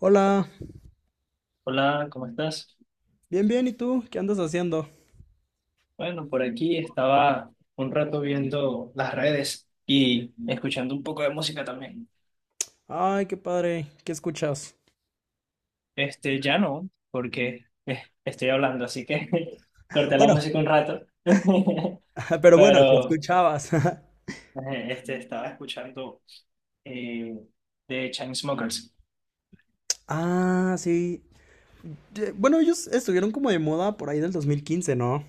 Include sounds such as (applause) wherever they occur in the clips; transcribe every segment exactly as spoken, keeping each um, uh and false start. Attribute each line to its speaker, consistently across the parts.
Speaker 1: Hola,
Speaker 2: Hola, ¿cómo estás?
Speaker 1: bien, bien, ¿y tú? ¿Qué andas haciendo?
Speaker 2: Bueno, por aquí estaba un rato viendo las redes y escuchando un poco de música también.
Speaker 1: Ay, qué padre, ¿qué escuchas?
Speaker 2: Este, ya no, porque eh, estoy hablando, así que (laughs) corté la
Speaker 1: Bueno,
Speaker 2: música un rato. (laughs)
Speaker 1: (laughs) pero bueno, ¿qué
Speaker 2: Pero
Speaker 1: escuchabas? (laughs)
Speaker 2: eh, este, estaba escuchando eh, de Chainsmokers.
Speaker 1: Ah, sí. Ye- Bueno, ellos estuvieron como de moda por ahí del dos mil quince, ¿no?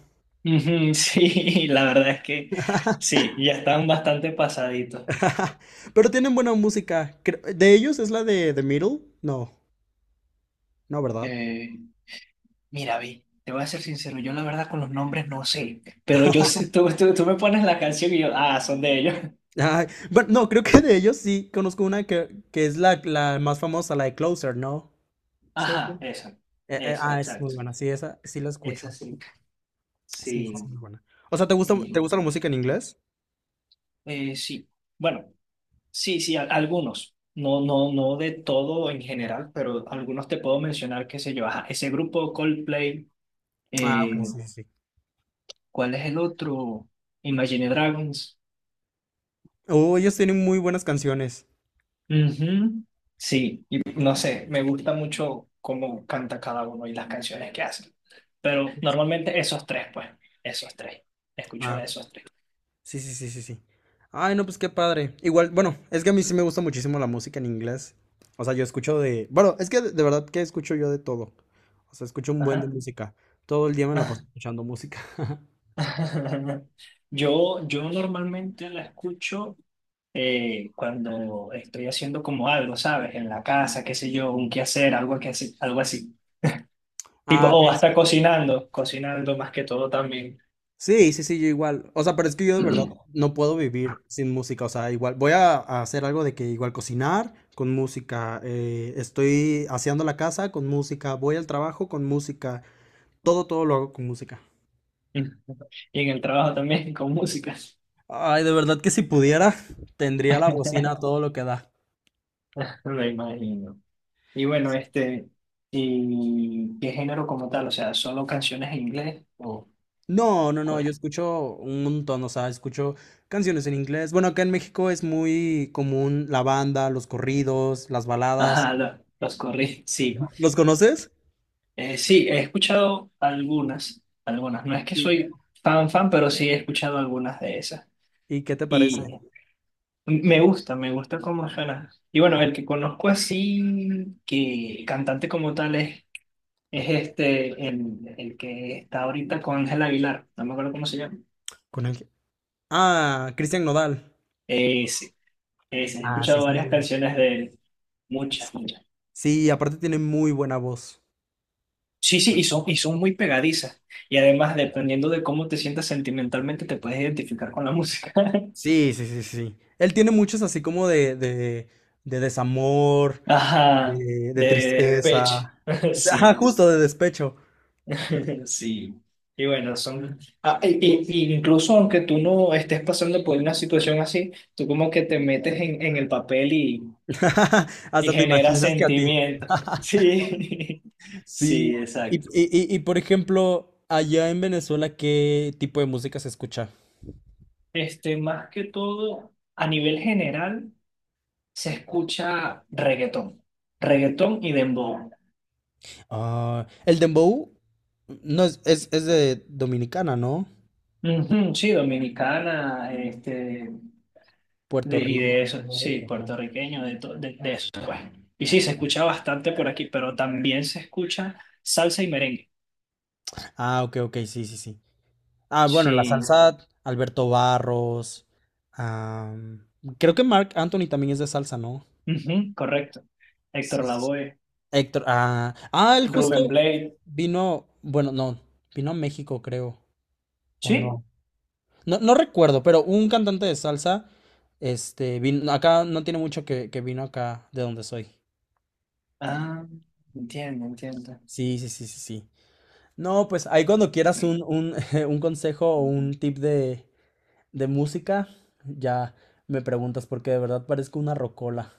Speaker 2: Ujú, sí, (laughs) la verdad es que sí, ya están bastante pasaditos.
Speaker 1: (laughs) Pero tienen buena música. Cre- ¿De ellos es la de The Middle? No, no, ¿verdad?
Speaker 2: Eh, Mira, vi, te voy a ser sincero, yo la verdad con los nombres no sé, pero yo sé, tú, tú, tú me pones la canción y yo, ah, son de ellos. (laughs)
Speaker 1: Ay, bueno, no, creo que de ellos sí conozco una que, que es la, la más famosa, la de Closer, ¿no? So-
Speaker 2: Ajá, esa,
Speaker 1: eh, eh,
Speaker 2: esa,
Speaker 1: ah, es muy
Speaker 2: exacto.
Speaker 1: buena, sí, esa sí la
Speaker 2: Esa
Speaker 1: escucho.
Speaker 2: sí.
Speaker 1: Sí, sí, es
Speaker 2: Sí,
Speaker 1: muy buena. O sea, ¿te gusta, te
Speaker 2: y,
Speaker 1: gusta la música en inglés?
Speaker 2: eh, sí. Bueno, sí, sí, a- algunos. No, no, no de todo en general, pero algunos te puedo mencionar, qué sé yo. Ajá, ese grupo Coldplay,
Speaker 1: Ah, ok,
Speaker 2: eh,
Speaker 1: sí, sí, sí.
Speaker 2: ¿cuál es el otro? Imagine Dragons.
Speaker 1: Oh, ellos tienen muy buenas canciones.
Speaker 2: Ujú. Sí, y no sé, me gusta mucho cómo canta cada uno y las canciones que hacen. Pero normalmente esos tres, pues, esos tres. Escucho
Speaker 1: Ah,
Speaker 2: de esos tres.
Speaker 1: sí, sí, sí, sí, sí. Ay, no, pues qué padre. Igual, bueno, es que a mí sí me gusta muchísimo la música en inglés. O sea, yo escucho de... Bueno, es que de de verdad que escucho yo de todo. O sea, escucho un buen de
Speaker 2: Ajá.
Speaker 1: música. Todo el día me la paso
Speaker 2: (laughs)
Speaker 1: escuchando música. (laughs)
Speaker 2: Yo, yo normalmente la escucho eh, cuando estoy haciendo como algo, ¿sabes? En la casa, qué sé yo, un quehacer, algo que así, algo así. Tipo,
Speaker 1: Ah, ok,
Speaker 2: o
Speaker 1: sí.
Speaker 2: hasta cocinando, cocinando más que todo también.
Speaker 1: Sí, sí, sí, yo igual. O sea, pero es que yo de verdad
Speaker 2: (clears throat)
Speaker 1: no puedo vivir sin música. O sea, igual voy a, a hacer algo de que igual cocinar con música. Eh, estoy haciendo la casa con música. Voy al trabajo con música. Todo, todo lo hago con música.
Speaker 2: Y en el trabajo también con música.
Speaker 1: Ay, de verdad que si pudiera, tendría la bocina a todo lo que da.
Speaker 2: (laughs) Me imagino. Y bueno, este, ¿y qué género como tal? O sea, ¿solo canciones en inglés o
Speaker 1: No, no, no,
Speaker 2: cuál?
Speaker 1: yo
Speaker 2: (laughs)
Speaker 1: escucho un montón, o sea, escucho canciones en inglés. Bueno, acá en México es muy común la banda, los corridos, las baladas.
Speaker 2: Ajá, lo- los corrí, sí.
Speaker 1: ¿Los conoces?
Speaker 2: Eh, sí, he escuchado algunas, algunas. No es que
Speaker 1: Sí.
Speaker 2: soy fan fan, pero sí he escuchado algunas de esas.
Speaker 1: ¿Y qué te parece?
Speaker 2: Y me gusta, me gusta cómo suena. Y bueno, el que conozco así, que cantante como tal es, es este, el, el que está ahorita con Ángel Aguilar. No me acuerdo cómo se llama.
Speaker 1: Con el... Ah, Cristian Nodal.
Speaker 2: Eh, sí, eh, sí, he
Speaker 1: Ah, sí,
Speaker 2: escuchado
Speaker 1: sí. Sí,
Speaker 2: varias canciones de él. Muchas, muchas.
Speaker 1: sí, aparte tiene muy buena voz.
Speaker 2: Sí, sí, y son, y son muy pegadizas. Y además, dependiendo de cómo te sientas sentimentalmente, te puedes identificar con la música. (laughs)
Speaker 1: Sí, sí, sí, sí. Él tiene muchos así como de, de, de desamor,
Speaker 2: Ajá,
Speaker 1: de, de
Speaker 2: de
Speaker 1: tristeza.
Speaker 2: despecho. (laughs)
Speaker 1: O sea, ajá,
Speaker 2: Sí,
Speaker 1: justo de despecho.
Speaker 2: (laughs) sí. Y bueno, son... ah, y, y- y incluso aunque tú no estés pasando por una situación así, tú como que te metes en, en el papel y,
Speaker 1: (laughs)
Speaker 2: y
Speaker 1: Hasta te
Speaker 2: generas
Speaker 1: imaginas que a ti.
Speaker 2: sentimientos. Sí, (laughs)
Speaker 1: Sí.
Speaker 2: sí,
Speaker 1: Y, y-
Speaker 2: exacto.
Speaker 1: y- y, por ejemplo, allá en Venezuela, ¿qué tipo de música se escucha?
Speaker 2: Este, más que todo, a nivel general, se escucha reggaetón, reggaetón y dembow.
Speaker 1: Ah, el dembow no es, es, es de Dominicana, ¿no?
Speaker 2: Ujú, sí, dominicana, este,
Speaker 1: Puerto
Speaker 2: de, y
Speaker 1: Rico.
Speaker 2: de eso, sí, puertorriqueño, de, to- de, de eso, pues. Y sí, se escucha bastante por aquí, pero también se escucha salsa y merengue.
Speaker 1: Ah, ok, ok, sí, sí, sí. Ah, bueno, la
Speaker 2: Sí,
Speaker 1: salsa, Alberto Barros. Am, creo que Marc Anthony también es de salsa, ¿no?
Speaker 2: ujú, correcto. Héctor Lavoe,
Speaker 1: Héctor, ah, ah, él justo
Speaker 2: Rubén Blade,
Speaker 1: vino, bueno, no, vino a México, creo, o no.
Speaker 2: sí.
Speaker 1: No, no recuerdo, pero un cantante de salsa, este, vino, acá no tiene mucho que, que vino acá de donde soy.
Speaker 2: Ah, entiendo, entiendo.
Speaker 1: Sí, sí, sí, sí, sí. No, pues ahí cuando quieras un, un, (laughs) un consejo o un tip de, de música, ya me preguntas, porque de verdad parezco una rocola.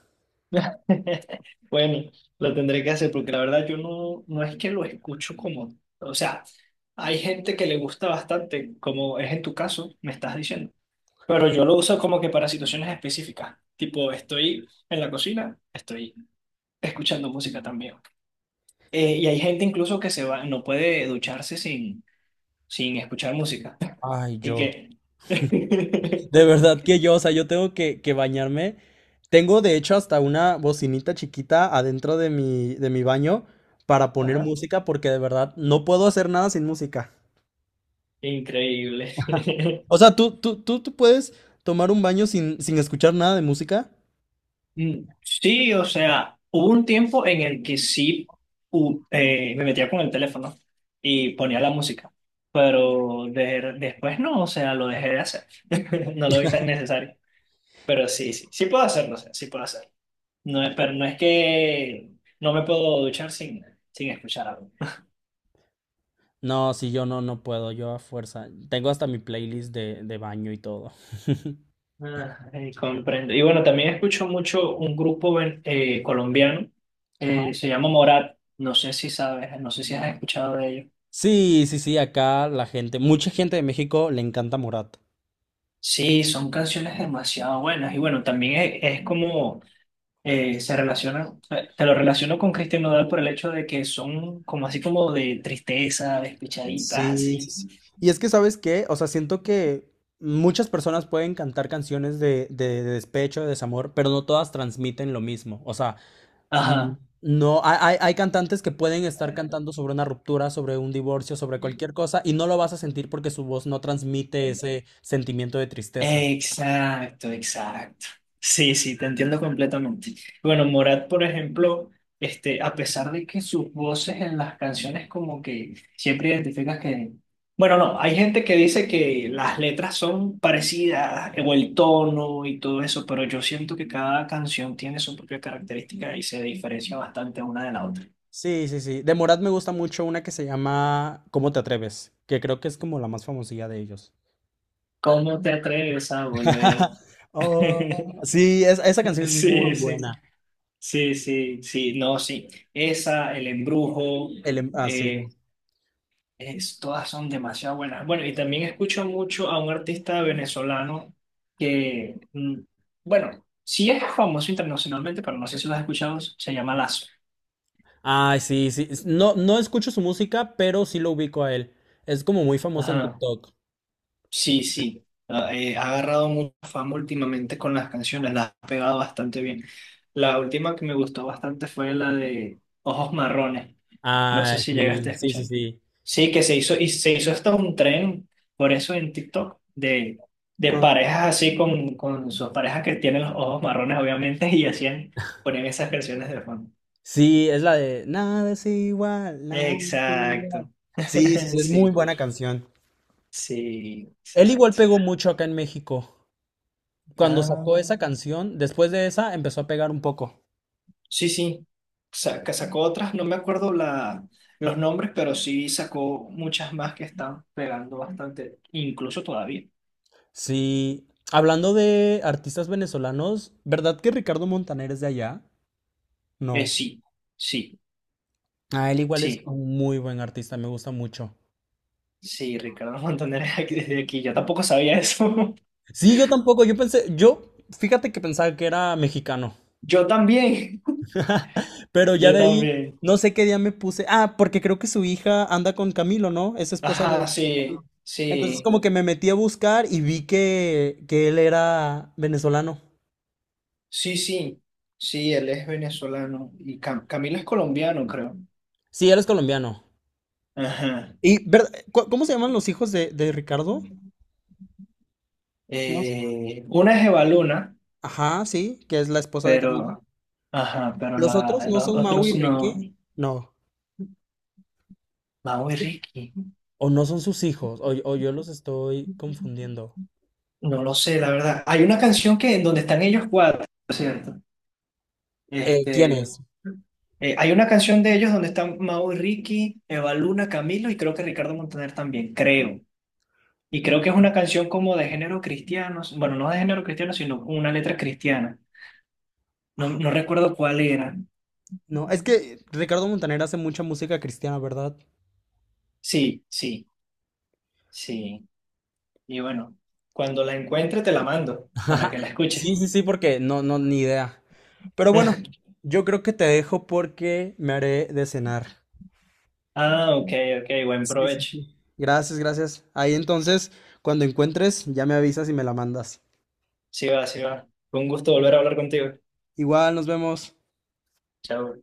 Speaker 2: (laughs) Bueno, lo tendré que hacer porque la verdad yo no, no es que lo escucho como, o sea, hay gente que le gusta bastante, como es en tu caso, me estás diciendo, pero yo lo uso como que para situaciones específicas, tipo estoy en la cocina, estoy escuchando música también. Eh, y hay gente incluso que se va, no puede ducharse sin, sin escuchar música. (laughs)
Speaker 1: Ay,
Speaker 2: Y
Speaker 1: yo.
Speaker 2: que... (laughs)
Speaker 1: De verdad que yo, o sea, yo tengo que, que bañarme. Tengo de hecho hasta una bocinita chiquita adentro de mi, de mi baño para poner
Speaker 2: Ajá,
Speaker 1: música porque de verdad no puedo hacer nada sin música.
Speaker 2: increíble. (laughs)
Speaker 1: O sea, ¿tú, tú, tú, tú puedes tomar un baño sin, sin escuchar nada de música?
Speaker 2: Mm, sí, o sea, hubo un tiempo en el que sí u- eh, me metía con el teléfono y ponía la música, pero de- después no, o sea, lo dejé de hacer. (laughs) No lo vi tan necesario, pero sí, sí, sí puedo hacerlo, o sea, sí puedo hacerlo. No es, pero no es que no me puedo duchar sin, sin escuchar algo.
Speaker 1: No, sí, yo no, no puedo, yo a fuerza. Tengo hasta mi playlist de, de baño y todo. (laughs)
Speaker 2: Ah, eh, comprendo. Y bueno, también escucho mucho un grupo ven- eh, colombiano,
Speaker 1: Ajá.
Speaker 2: eh, se llama Morat, no sé si sabes, no sé si has escuchado de ellos.
Speaker 1: Sí, sí, sí, acá la gente, mucha gente de México le encanta Morat.
Speaker 2: Sí, son canciones demasiado buenas y bueno, también es, es como eh, se relacionan, eh, te lo relaciono con Christian Nodal por el hecho de que son como así como de tristeza, despechaditas,
Speaker 1: Sí, sí,
Speaker 2: así.
Speaker 1: sí. Y es que, ¿sabes qué? O sea, siento que muchas personas pueden cantar canciones de, de- de despecho, de desamor, pero no todas transmiten lo mismo. O sea, mm,
Speaker 2: Ajá.
Speaker 1: no, hay, hay- hay cantantes que pueden estar cantando sobre una ruptura, sobre un divorcio, sobre cualquier cosa, y no lo vas a sentir porque su voz no transmite ese sentimiento de tristeza.
Speaker 2: Exacto, exacto. Sí, sí, te entiendo completamente. Bueno, Morat, por ejemplo, este, a pesar de que sus voces en las canciones como que siempre identificas que... Bueno, no, hay gente que dice que las letras son parecidas, o el tono y todo eso, pero yo siento que cada canción tiene su propia característica y se diferencia bastante una de la otra.
Speaker 1: Sí, sí, sí. De Morat me gusta mucho una que se llama ¿Cómo te atreves? Que creo que es como la más famosilla de ellos.
Speaker 2: ¿Cómo te atreves a volver?
Speaker 1: (laughs) Oh,
Speaker 2: (laughs)
Speaker 1: sí, es- esa canción es muy
Speaker 2: Sí, sí.
Speaker 1: buena.
Speaker 2: Sí, sí, sí, no, sí. Esa, el embrujo,
Speaker 1: El, em- ah, sí.
Speaker 2: eh, es- todas son demasiado buenas. Bueno, y también escucho mucho a un artista venezolano que, mm, bueno, sí es famoso internacionalmente, pero no sé si lo has escuchado, se llama Lazo.
Speaker 1: Ay, sí, sí, es- no, no escucho su música, pero sí lo ubico a él. Es como muy famoso en
Speaker 2: Ajá.
Speaker 1: TikTok.
Speaker 2: Sí, sí. Ah, eh, ha agarrado mucha fama últimamente con las canciones, las ha pegado bastante bien. La última que me gustó bastante fue la de Ojos Marrones. No sé
Speaker 1: Ay,
Speaker 2: si
Speaker 1: sí,
Speaker 2: llegaste a
Speaker 1: sí, sí,
Speaker 2: escuchar.
Speaker 1: sí.
Speaker 2: Sí, que se hizo, y se hizo hasta un tren, por eso en tik tok, de, de
Speaker 1: Con-
Speaker 2: parejas así con, con sus parejas que tienen los ojos marrones, obviamente, y hacían, ponían esas canciones de fondo.
Speaker 1: Sí, es la de Nada es igual, nada es igual.
Speaker 2: Exacto.
Speaker 1: Sí, sí,
Speaker 2: (laughs)
Speaker 1: sí, es muy
Speaker 2: Sí,
Speaker 1: buena canción.
Speaker 2: sí,
Speaker 1: Él igual
Speaker 2: exacto.
Speaker 1: pegó mucho acá en México. Cuando sacó
Speaker 2: Ah,
Speaker 1: esa canción, después de esa empezó a pegar un poco.
Speaker 2: sí, sí. Sa- que sacó otras, no me acuerdo la, los nombres, pero sí sacó muchas más que están pegando bastante, incluso todavía.
Speaker 1: Sí, hablando de artistas venezolanos, ¿verdad que Ricardo Montaner es de allá?
Speaker 2: Eh,
Speaker 1: No.
Speaker 2: sí, sí,
Speaker 1: Ah, él igual es
Speaker 2: sí.
Speaker 1: un muy buen artista, me gusta mucho.
Speaker 2: Sí, Ricardo Montaner es aquí- desde aquí. Yo tampoco sabía eso.
Speaker 1: Sí, yo tampoco, yo pensé, yo, fíjate que pensaba que era mexicano,
Speaker 2: (laughs) Yo también.
Speaker 1: (laughs) pero ya
Speaker 2: Yo
Speaker 1: de ahí,
Speaker 2: también.
Speaker 1: no sé qué día me puse, ah, porque creo que su hija anda con Camilo, ¿no? Es esposa de,
Speaker 2: Ajá,
Speaker 1: de Camilo.
Speaker 2: sí,
Speaker 1: Entonces
Speaker 2: sí,
Speaker 1: como que me metí a buscar y vi que, que él era venezolano.
Speaker 2: sí, sí. Sí, él es venezolano y Cam- Camilo es colombiano, creo.
Speaker 1: Sí, él es colombiano.
Speaker 2: Ajá.
Speaker 1: Y, ¿verdad? ¿Cu- ¿Cómo se llaman los hijos de, de Ricardo? No sé.
Speaker 2: Eh, una es Evaluna,
Speaker 1: Ajá, sí, que es la esposa de Camilo.
Speaker 2: pero, ajá, pero
Speaker 1: ¿Los otros
Speaker 2: la,
Speaker 1: no
Speaker 2: los
Speaker 1: son Mau y
Speaker 2: otros no.
Speaker 1: Ricky? No.
Speaker 2: Mau y Ricky.
Speaker 1: O no son sus hijos, o, o yo los estoy confundiendo.
Speaker 2: No lo sé, la verdad. Hay una canción que en donde están ellos cuatro, ¿cierto?
Speaker 1: Eh, ¿quién
Speaker 2: Este,
Speaker 1: es?
Speaker 2: eh, hay una canción de ellos donde están Mau y Ricky, Eva Luna, Camilo y creo que Ricardo Montaner también, creo. Y creo que es una canción como de género cristiano, bueno, no de género cristiano, sino una letra cristiana. No, no recuerdo cuál era.
Speaker 1: No, es que Ricardo Montaner hace mucha música cristiana, ¿verdad?
Speaker 2: Sí, sí, sí. Y bueno, cuando la encuentre te la mando para
Speaker 1: (laughs)
Speaker 2: que la
Speaker 1: Sí,
Speaker 2: escuches.
Speaker 1: sí, sí, porque no, no, ni idea. Pero bueno,
Speaker 2: (laughs)
Speaker 1: yo creo que te dejo porque me haré de cenar.
Speaker 2: Ah, ok, ok, buen
Speaker 1: Sí, sí,
Speaker 2: provecho.
Speaker 1: sí. Gracias, gracias. Ahí entonces, cuando encuentres, ya me avisas y me la mandas.
Speaker 2: Sí va, sí va. Fue un gusto volver a hablar contigo.
Speaker 1: Igual, nos vemos.
Speaker 2: Chao.